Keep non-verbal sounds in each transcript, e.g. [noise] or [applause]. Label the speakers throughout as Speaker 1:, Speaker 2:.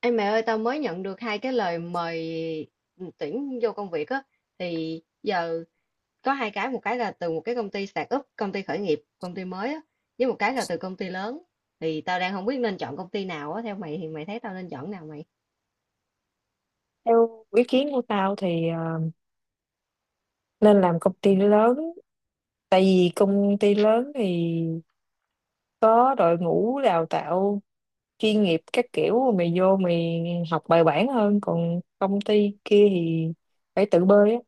Speaker 1: Ê mẹ ơi, tao mới nhận được hai cái lời mời tuyển vô công việc á thì giờ có hai cái, một cái là từ một cái công ty start up, công ty khởi nghiệp, công ty mới á, với một cái là từ công ty lớn. Thì tao đang không biết nên chọn công ty nào á, theo mày thì mày thấy tao nên chọn nào mày?
Speaker 2: Theo ý kiến của tao thì nên làm công ty lớn, tại vì công ty lớn thì có đội ngũ đào tạo chuyên nghiệp các kiểu, mày vô mày học bài bản hơn, còn công ty kia thì phải tự bơi á.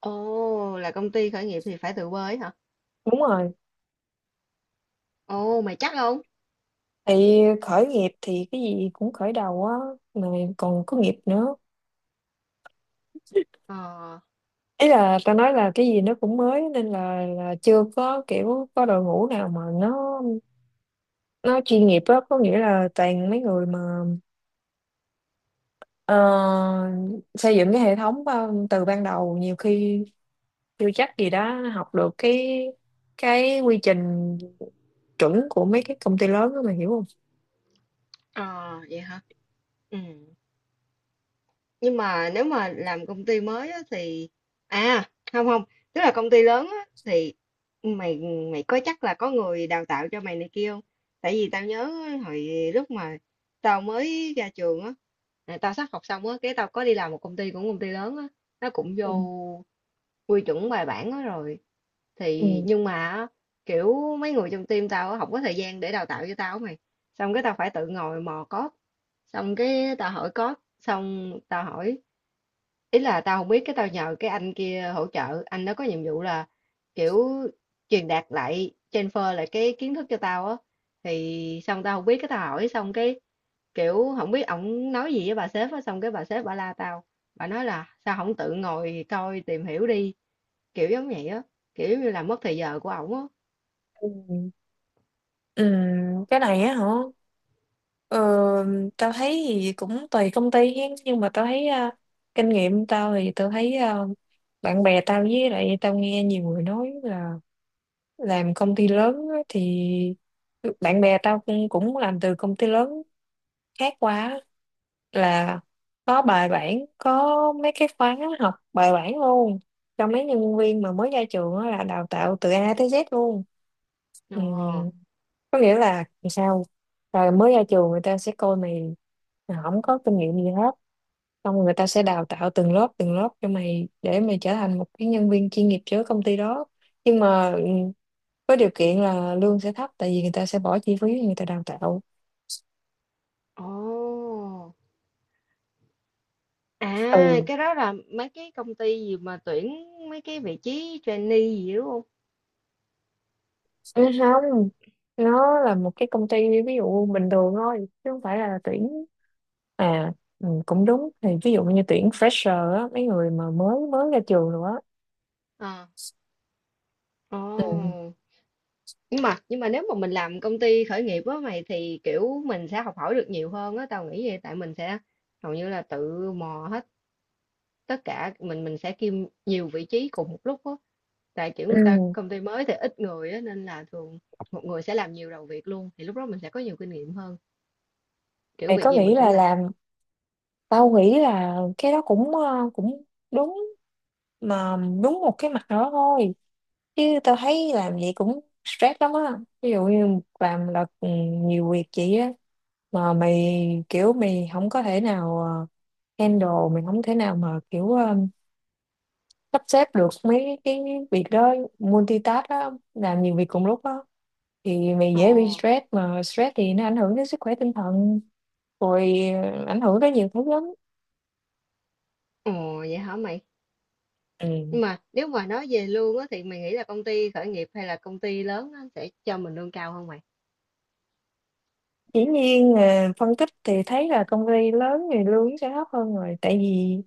Speaker 1: Ồ, là công ty khởi nghiệp thì phải từ quê ấy hả?
Speaker 2: Đúng rồi,
Speaker 1: Ồ, mày chắc không?
Speaker 2: thì khởi nghiệp thì cái gì cũng khởi đầu á mà, còn có nghiệp nữa.
Speaker 1: Ờ,
Speaker 2: Ý là tao nói là cái gì nó cũng mới nên là chưa có kiểu có đội ngũ nào mà nó chuyên nghiệp á, có nghĩa là toàn mấy người mà ờ, xây dựng cái hệ thống từ ban đầu, nhiều khi chưa chắc gì đó học được cái quy trình chuẩn của mấy cái công ty lớn đó, mà hiểu không?
Speaker 1: ờ vậy hả? Ừ. Nhưng mà nếu mà làm công ty mới á, thì à không không tức là công ty lớn á, thì mày mày có chắc là có người đào tạo cho mày này kia không? Tại vì tao nhớ hồi lúc mà tao mới ra trường á, là tao sắp học xong á, cái tao có đi làm một công ty cũng công ty lớn á, nó cũng
Speaker 2: Ừ.
Speaker 1: vô quy chuẩn bài bản á rồi thì
Speaker 2: Ừ.
Speaker 1: nhưng mà á, kiểu mấy người trong team tao á, không có thời gian để đào tạo cho tao á mày xong cái tao phải tự ngồi mò code xong cái tao hỏi code xong tao hỏi ý là tao không biết cái tao nhờ cái anh kia hỗ trợ anh đó có nhiệm vụ là kiểu truyền đạt lại transfer lại cái kiến thức cho tao á thì xong tao không biết cái tao hỏi xong cái kiểu không biết ổng nói gì với bà sếp á xong cái bà sếp bà la tao bà nói là sao không tự ngồi coi tìm hiểu đi kiểu giống vậy á kiểu giống như là mất thời giờ của ổng á.
Speaker 2: Ừ. Ừ. Cái này á hả? Ờ, Tao thấy thì cũng tùy công ty hen, nhưng mà tao thấy kinh nghiệm tao thì tao thấy bạn bè tao, với lại tao nghe nhiều người nói là làm công ty lớn á thì, bạn bè tao cũng cũng làm từ công ty lớn khác qua á, là có bài bản, có mấy cái khóa học bài bản luôn cho mấy nhân viên mà mới ra trường đó, là đào tạo từ A tới Z luôn. Ừ.
Speaker 1: Ồ.
Speaker 2: Có nghĩa là sao, rồi mới ra trường người ta sẽ coi mày là không có kinh nghiệm gì hết, xong người ta sẽ đào tạo từng lớp cho mày để mày trở thành một cái nhân viên chuyên nghiệp cho công ty đó. Nhưng mà với điều kiện là lương sẽ thấp, tại vì người ta sẽ bỏ chi phí người ta đào tạo.
Speaker 1: Ồ à,
Speaker 2: Ừ.
Speaker 1: cái đó là mấy cái công ty gì mà tuyển mấy cái vị trí trainee gì đúng không?
Speaker 2: Ừ, không, nó là một cái công ty ví dụ bình thường thôi, chứ không phải là tuyển. À ừ, cũng đúng, thì ví dụ như tuyển fresher á, mấy người mà mới mới ra trường nữa.
Speaker 1: Ờ.
Speaker 2: Ừ.
Speaker 1: Ồ. Nhưng mà nếu mà mình làm công ty khởi nghiệp á mày thì kiểu mình sẽ học hỏi được nhiều hơn á tao nghĩ vậy tại mình sẽ hầu như là tự mò hết tất cả mình sẽ kiêm nhiều vị trí cùng một lúc á tại kiểu
Speaker 2: Ừ.
Speaker 1: người ta công ty mới thì ít người á nên là thường một người sẽ làm nhiều đầu việc luôn thì lúc đó mình sẽ có nhiều kinh nghiệm hơn kiểu
Speaker 2: Mày
Speaker 1: việc
Speaker 2: có
Speaker 1: gì
Speaker 2: nghĩ
Speaker 1: mình cũng
Speaker 2: là
Speaker 1: làm.
Speaker 2: làm, tao nghĩ là cái đó cũng cũng đúng, mà đúng một cái mặt đó thôi, chứ tao thấy làm vậy cũng stress lắm á. Ví dụ như làm là nhiều việc vậy á, mà mày kiểu mày không có thể nào handle, mình không thể nào mà kiểu sắp xếp được mấy cái việc đó, multitask đó, làm nhiều việc cùng lúc đó, thì mày
Speaker 1: Ồ.
Speaker 2: dễ bị stress, mà stress thì nó ảnh hưởng đến sức khỏe tinh thần rồi ảnh hưởng tới nhiều thứ lắm.
Speaker 1: Ồ vậy hả mày? Nhưng
Speaker 2: Ừ.
Speaker 1: mà nếu mà nói về lương á thì mày nghĩ là công ty khởi nghiệp hay là công ty lớn á sẽ cho mình lương cao hơn mày?
Speaker 2: Dĩ nhiên phân tích thì thấy là công ty lớn thì lương sẽ thấp hơn rồi,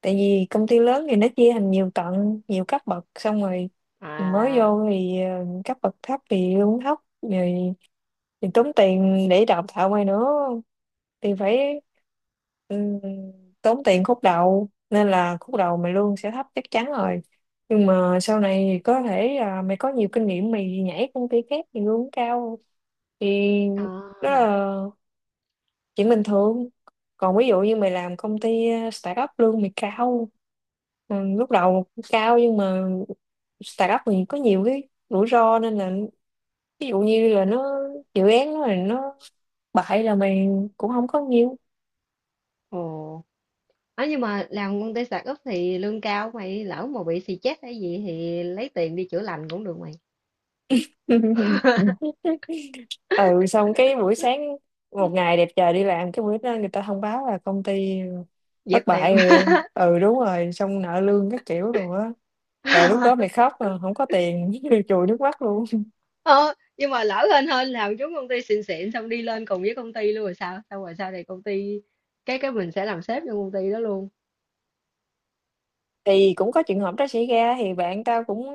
Speaker 2: tại vì công ty lớn thì nó chia thành nhiều tầng, nhiều cấp bậc, xong rồi mới
Speaker 1: À.
Speaker 2: vô thì cấp bậc thấp thì lương thấp rồi, thì tốn tiền để đào tạo mày nữa thì phải ừm, tốn tiền khúc đầu, nên là khúc đầu mày lương sẽ thấp chắc chắn rồi. Nhưng mà sau này thì có thể là mày có nhiều kinh nghiệm, mày nhảy công ty khác thì lương cao, thì đó là
Speaker 1: À.
Speaker 2: chuyện bình thường. Còn ví dụ như mày làm công ty startup lương mày cao, lúc đầu cao, nhưng mà startup thì có nhiều cái rủi ro, nên là ví dụ như là nó, dự án nó là nó bại là mày cũng không có nhiều.
Speaker 1: Ồ. Nói nhưng mà làm công ty sạc úp thì lương cao mày lỡ mà bị xì chết hay gì thì lấy tiền đi chữa lành cũng được mày.
Speaker 2: [laughs] Ừ, xong cái buổi sáng một ngày đẹp trời đi làm, cái buổi đó người ta thông báo là công ty
Speaker 1: Dẹp
Speaker 2: thất
Speaker 1: tiệm.
Speaker 2: bại rồi em, ừ đúng rồi, xong nợ lương các kiểu đồ á, rồi lúc đó mày
Speaker 1: [laughs]
Speaker 2: khóc mà không có tiền [laughs] chùi nước mắt luôn.
Speaker 1: Ờ, nhưng mà lỡ hên hên làm chúng công ty xịn xịn xong đi lên cùng với công ty luôn rồi sao xong rồi sau này công ty cái mình sẽ làm sếp cho công ty đó luôn.
Speaker 2: Thì cũng có trường hợp đó xảy ra, thì bạn tao cũng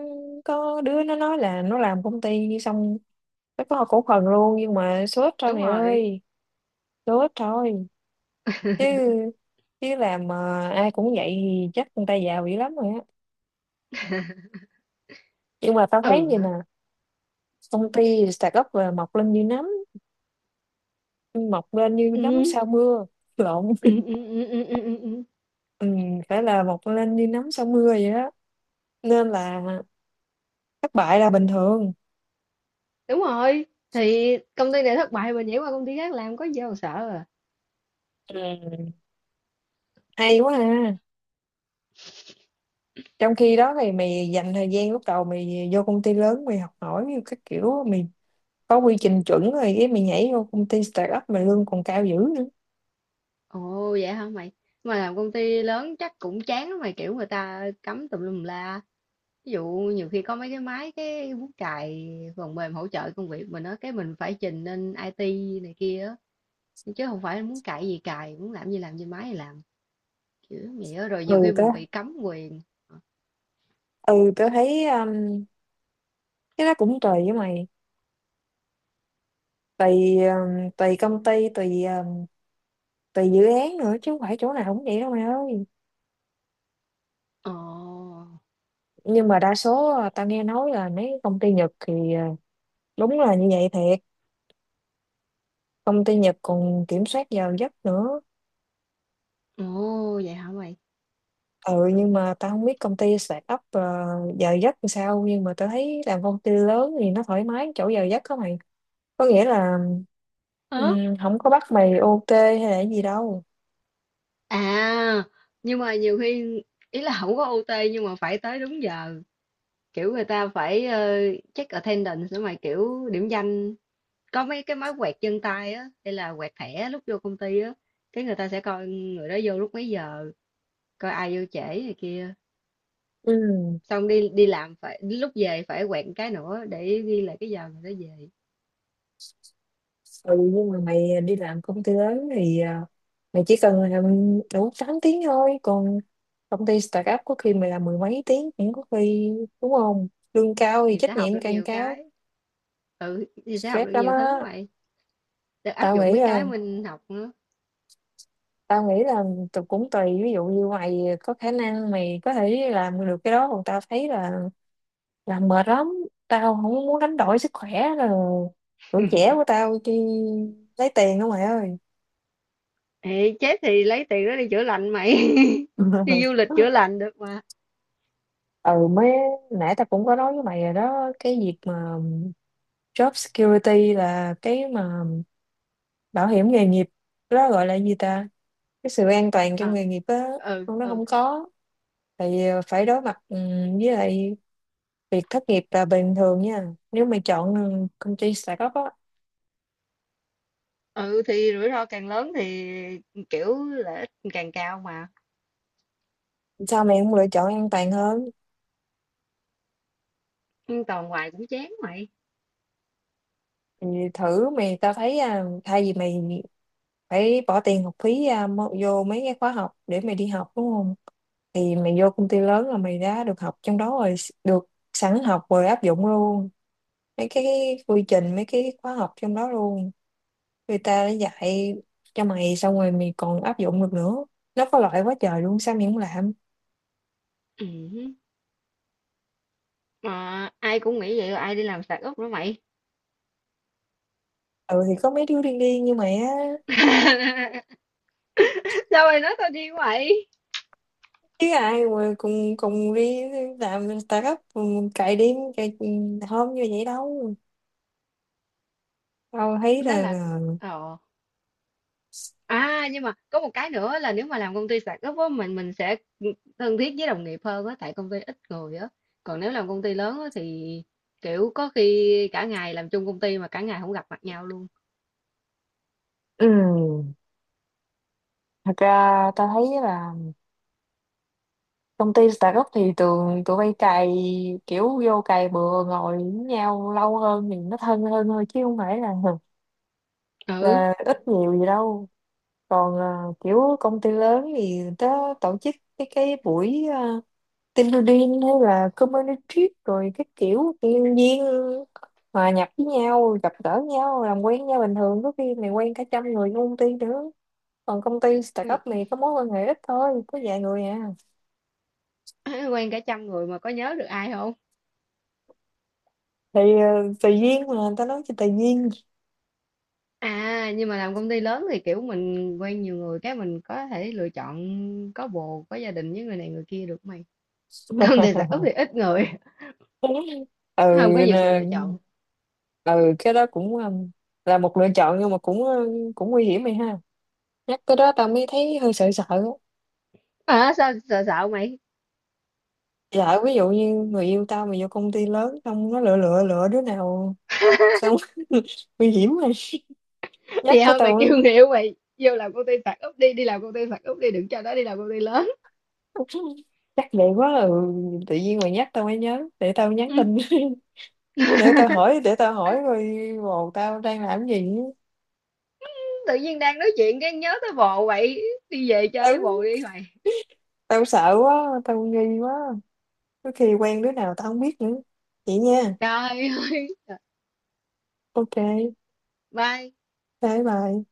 Speaker 2: có đứa nó nói là nó làm công ty xong nó có cổ phần luôn, nhưng mà sốt thôi
Speaker 1: Đúng
Speaker 2: mày
Speaker 1: rồi.
Speaker 2: ơi, sốt thôi. Chứ
Speaker 1: [laughs]
Speaker 2: chứ làm mà ai cũng vậy thì chắc người ta giàu dữ lắm rồi á. Nhưng mà tao thấy
Speaker 1: Ừ
Speaker 2: vậy nè,
Speaker 1: hả.
Speaker 2: công ty startup up là mọc lên như nấm
Speaker 1: Ừ,
Speaker 2: sau mưa [laughs] lộn.
Speaker 1: ừ, ừ, ừ, ừ, ừ, ừ, ừ.
Speaker 2: Ừ, phải là mọc lên như nấm sau mưa vậy đó, nên là thất bại là bình thường.
Speaker 1: Đúng rồi thì công ty này thất bại mình nhảy qua công ty khác làm có gì đâu mà sợ à.
Speaker 2: Ừ, hay quá ha. Trong khi đó thì mày dành thời gian lúc đầu mày vô công ty lớn mày học hỏi như các kiểu, mày có quy trình chuẩn rồi cái mày nhảy vô công ty start up mà lương còn cao dữ nữa.
Speaker 1: Ồ vậy hả mày? Mà làm công ty lớn chắc cũng chán lắm mày kiểu người ta cấm tùm lum la. Ví dụ nhiều khi có mấy cái máy cái bút chày phần mềm hỗ trợ công việc mình á cái mình phải trình lên IT này kia á chứ không phải muốn cài gì cài, muốn làm gì làm trên máy thì làm. Kiểu vậy á rồi nhiều
Speaker 2: ừ
Speaker 1: khi
Speaker 2: tớ
Speaker 1: mình bị cấm quyền.
Speaker 2: ừ tớ thấy cái đó cũng tùy, với mày tùy tùy công ty, tùy tùy dự án nữa, chứ không phải chỗ nào cũng vậy đâu mày ơi.
Speaker 1: Ồ.
Speaker 2: Nhưng mà đa số à, tao nghe nói là mấy công ty Nhật thì đúng là như vậy thiệt, công ty Nhật còn kiểm soát giờ giấc nữa.
Speaker 1: Ồ vậy hả mày?
Speaker 2: Ừ, nhưng mà tao không biết công ty start up giờ giấc làm sao, nhưng mà tao thấy làm công ty lớn thì nó thoải mái chỗ giờ giấc đó mày, có nghĩa là
Speaker 1: Ờ?
Speaker 2: không có bắt mày OT hay là gì đâu.
Speaker 1: À, nhưng mà nhiều khi ý là không có OT nhưng mà phải tới đúng giờ. Kiểu người ta phải, ờ, check attendance nữa mà, kiểu, điểm danh có mấy cái máy quẹt chân tay á, hay là quẹt thẻ lúc vô công ty á, cái người ta sẽ coi người đó vô lúc mấy giờ, coi ai vô trễ này kia.
Speaker 2: Ừ.
Speaker 1: Xong đi đi làm phải lúc về phải quẹt cái nữa để ghi lại cái giờ người đó về
Speaker 2: Ừ, nhưng mà mày đi làm công ty lớn thì mày chỉ cần làm đủ 8 tiếng thôi, còn công ty start up có khi mày làm mười mấy tiếng cũng có, khi đúng không, lương cao thì
Speaker 1: thì sẽ
Speaker 2: trách
Speaker 1: học
Speaker 2: nhiệm
Speaker 1: được
Speaker 2: càng
Speaker 1: nhiều
Speaker 2: cao,
Speaker 1: cái. Ừ, thì sẽ học
Speaker 2: stress
Speaker 1: được
Speaker 2: lắm
Speaker 1: nhiều
Speaker 2: á.
Speaker 1: thứ mày. Được áp
Speaker 2: tao nghĩ
Speaker 1: dụng mấy
Speaker 2: là
Speaker 1: cái mình học nữa.
Speaker 2: tao nghĩ là tụi cũng tùy, ví dụ như mày có khả năng mày có thể làm được cái đó, còn tao thấy là làm mệt lắm, tao không muốn đánh đổi sức khỏe là tuổi trẻ
Speaker 1: [laughs]
Speaker 2: của tao đi lấy tiền đó mày ơi.
Speaker 1: Ê, chết thì lấy tiền đó đi chữa lành mày. [laughs] Đi du
Speaker 2: [laughs]
Speaker 1: lịch chữa lành được mà.
Speaker 2: Ừ, mới nãy tao cũng có nói với mày rồi đó, cái việc mà job security là cái mà bảo hiểm nghề nghiệp, cái đó gọi là gì ta, cái sự an toàn trong
Speaker 1: À,
Speaker 2: nghề nghiệp á,
Speaker 1: ừ
Speaker 2: con nó
Speaker 1: ừ.
Speaker 2: không có thì phải đối mặt với lại việc thất nghiệp là bình thường nha, nếu mày chọn công ty startup á.
Speaker 1: Ừ thì rủi ro càng lớn thì kiểu lợi ích càng cao mà
Speaker 2: Sao mày không lựa chọn an toàn hơn
Speaker 1: nhưng toàn hoài cũng chán mày.
Speaker 2: thì thử mày, tao thấy thay vì mày phải bỏ tiền học phí vô mấy cái khóa học để mày đi học đúng không, thì mày vô công ty lớn là mày đã được học trong đó rồi, được sẵn học rồi áp dụng luôn mấy cái quy trình, mấy cái khóa học trong đó luôn, người ta đã dạy cho mày xong rồi mày còn áp dụng được nữa, nó có lợi quá trời luôn sao mày không làm.
Speaker 1: Ừ. Mà ai cũng nghĩ vậy ai đi làm sạc ốc nữa mày?
Speaker 2: Ừ, thì có mấy đứa điên điên như mày á,
Speaker 1: [laughs] Sao mày nói tao đi vậy
Speaker 2: chứ ai mà cùng cùng đi làm startup cùng cày đêm cày hôm như vậy đâu. Tao thấy
Speaker 1: đó
Speaker 2: là,
Speaker 1: là
Speaker 2: là
Speaker 1: ờ à nhưng mà có một cái nữa là nếu mà làm công ty sạc ốc á mình sẽ thân thiết với đồng nghiệp hơn á tại công ty ít người á còn nếu làm công ty lớn á thì kiểu có khi cả ngày làm chung công ty mà cả ngày không gặp mặt nhau luôn.
Speaker 2: ừ, thật ra ta thấy là công ty startup thì tụi tụi bay cày kiểu vô cày bừa ngồi với nhau lâu hơn thì nó thân hơn thôi, chứ không phải là
Speaker 1: Ừ.
Speaker 2: là ít nhiều gì đâu. Còn kiểu công ty lớn thì ta tổ chức cái buổi Tindorin hay là Community, rồi cái kiểu tự nhiên hòa nhập với nhau, gặp gỡ nhau, làm quen với nhau bình thường, có khi mày quen cả trăm người trong công ty nữa. Còn công ty startup
Speaker 1: Quen,
Speaker 2: này có mối quan hệ ít thôi, có vài người à,
Speaker 1: [laughs] quen cả trăm người mà có nhớ được ai không?
Speaker 2: thì tùy duyên mà, người ta nói cho tùy duyên.
Speaker 1: À, nhưng mà làm công ty lớn thì kiểu mình quen nhiều người cái mình có thể lựa chọn có bồ, có gia đình với người này người kia được mày. [laughs] Công ty
Speaker 2: [laughs]
Speaker 1: startup thì ít người, không có
Speaker 2: Ừ,
Speaker 1: nhiều sự
Speaker 2: nè,
Speaker 1: lựa chọn.
Speaker 2: ừ cái đó cũng là một lựa chọn, nhưng mà cũng cũng nguy hiểm mày ha, nhắc tới đó tao mới thấy hơi sợ sợ á.
Speaker 1: À, sao sợ sợ mày?
Speaker 2: Dạ, ví dụ như người yêu tao mà vô công ty lớn xong nó lựa lựa lựa đứa nào xong [laughs] nguy hiểm mà,
Speaker 1: [laughs]
Speaker 2: nhắc
Speaker 1: Vậy
Speaker 2: cái
Speaker 1: thôi mày
Speaker 2: tao
Speaker 1: kêu người yêu mày vô làm công ty startup đi, đi làm công ty startup đi, đừng cho nó đi làm công ty lớn. [laughs]
Speaker 2: [laughs] chắc vậy quá ừ. Tự nhiên mày nhắc tao mới nhớ, để tao nhắn
Speaker 1: Ừ.
Speaker 2: tin [laughs] để tao hỏi, coi bồ tao đang làm cái gì.
Speaker 1: Tự nhiên đang nói chuyện cái nhớ tới bồ vậy, đi về chơi với bồ
Speaker 2: tao
Speaker 1: đi mày.
Speaker 2: tao sợ quá, tao nghi quá, có khi quen đứa nào tao không biết nữa vậy nha.
Speaker 1: Trời ơi.
Speaker 2: Ok,
Speaker 1: Bye.
Speaker 2: bye bye.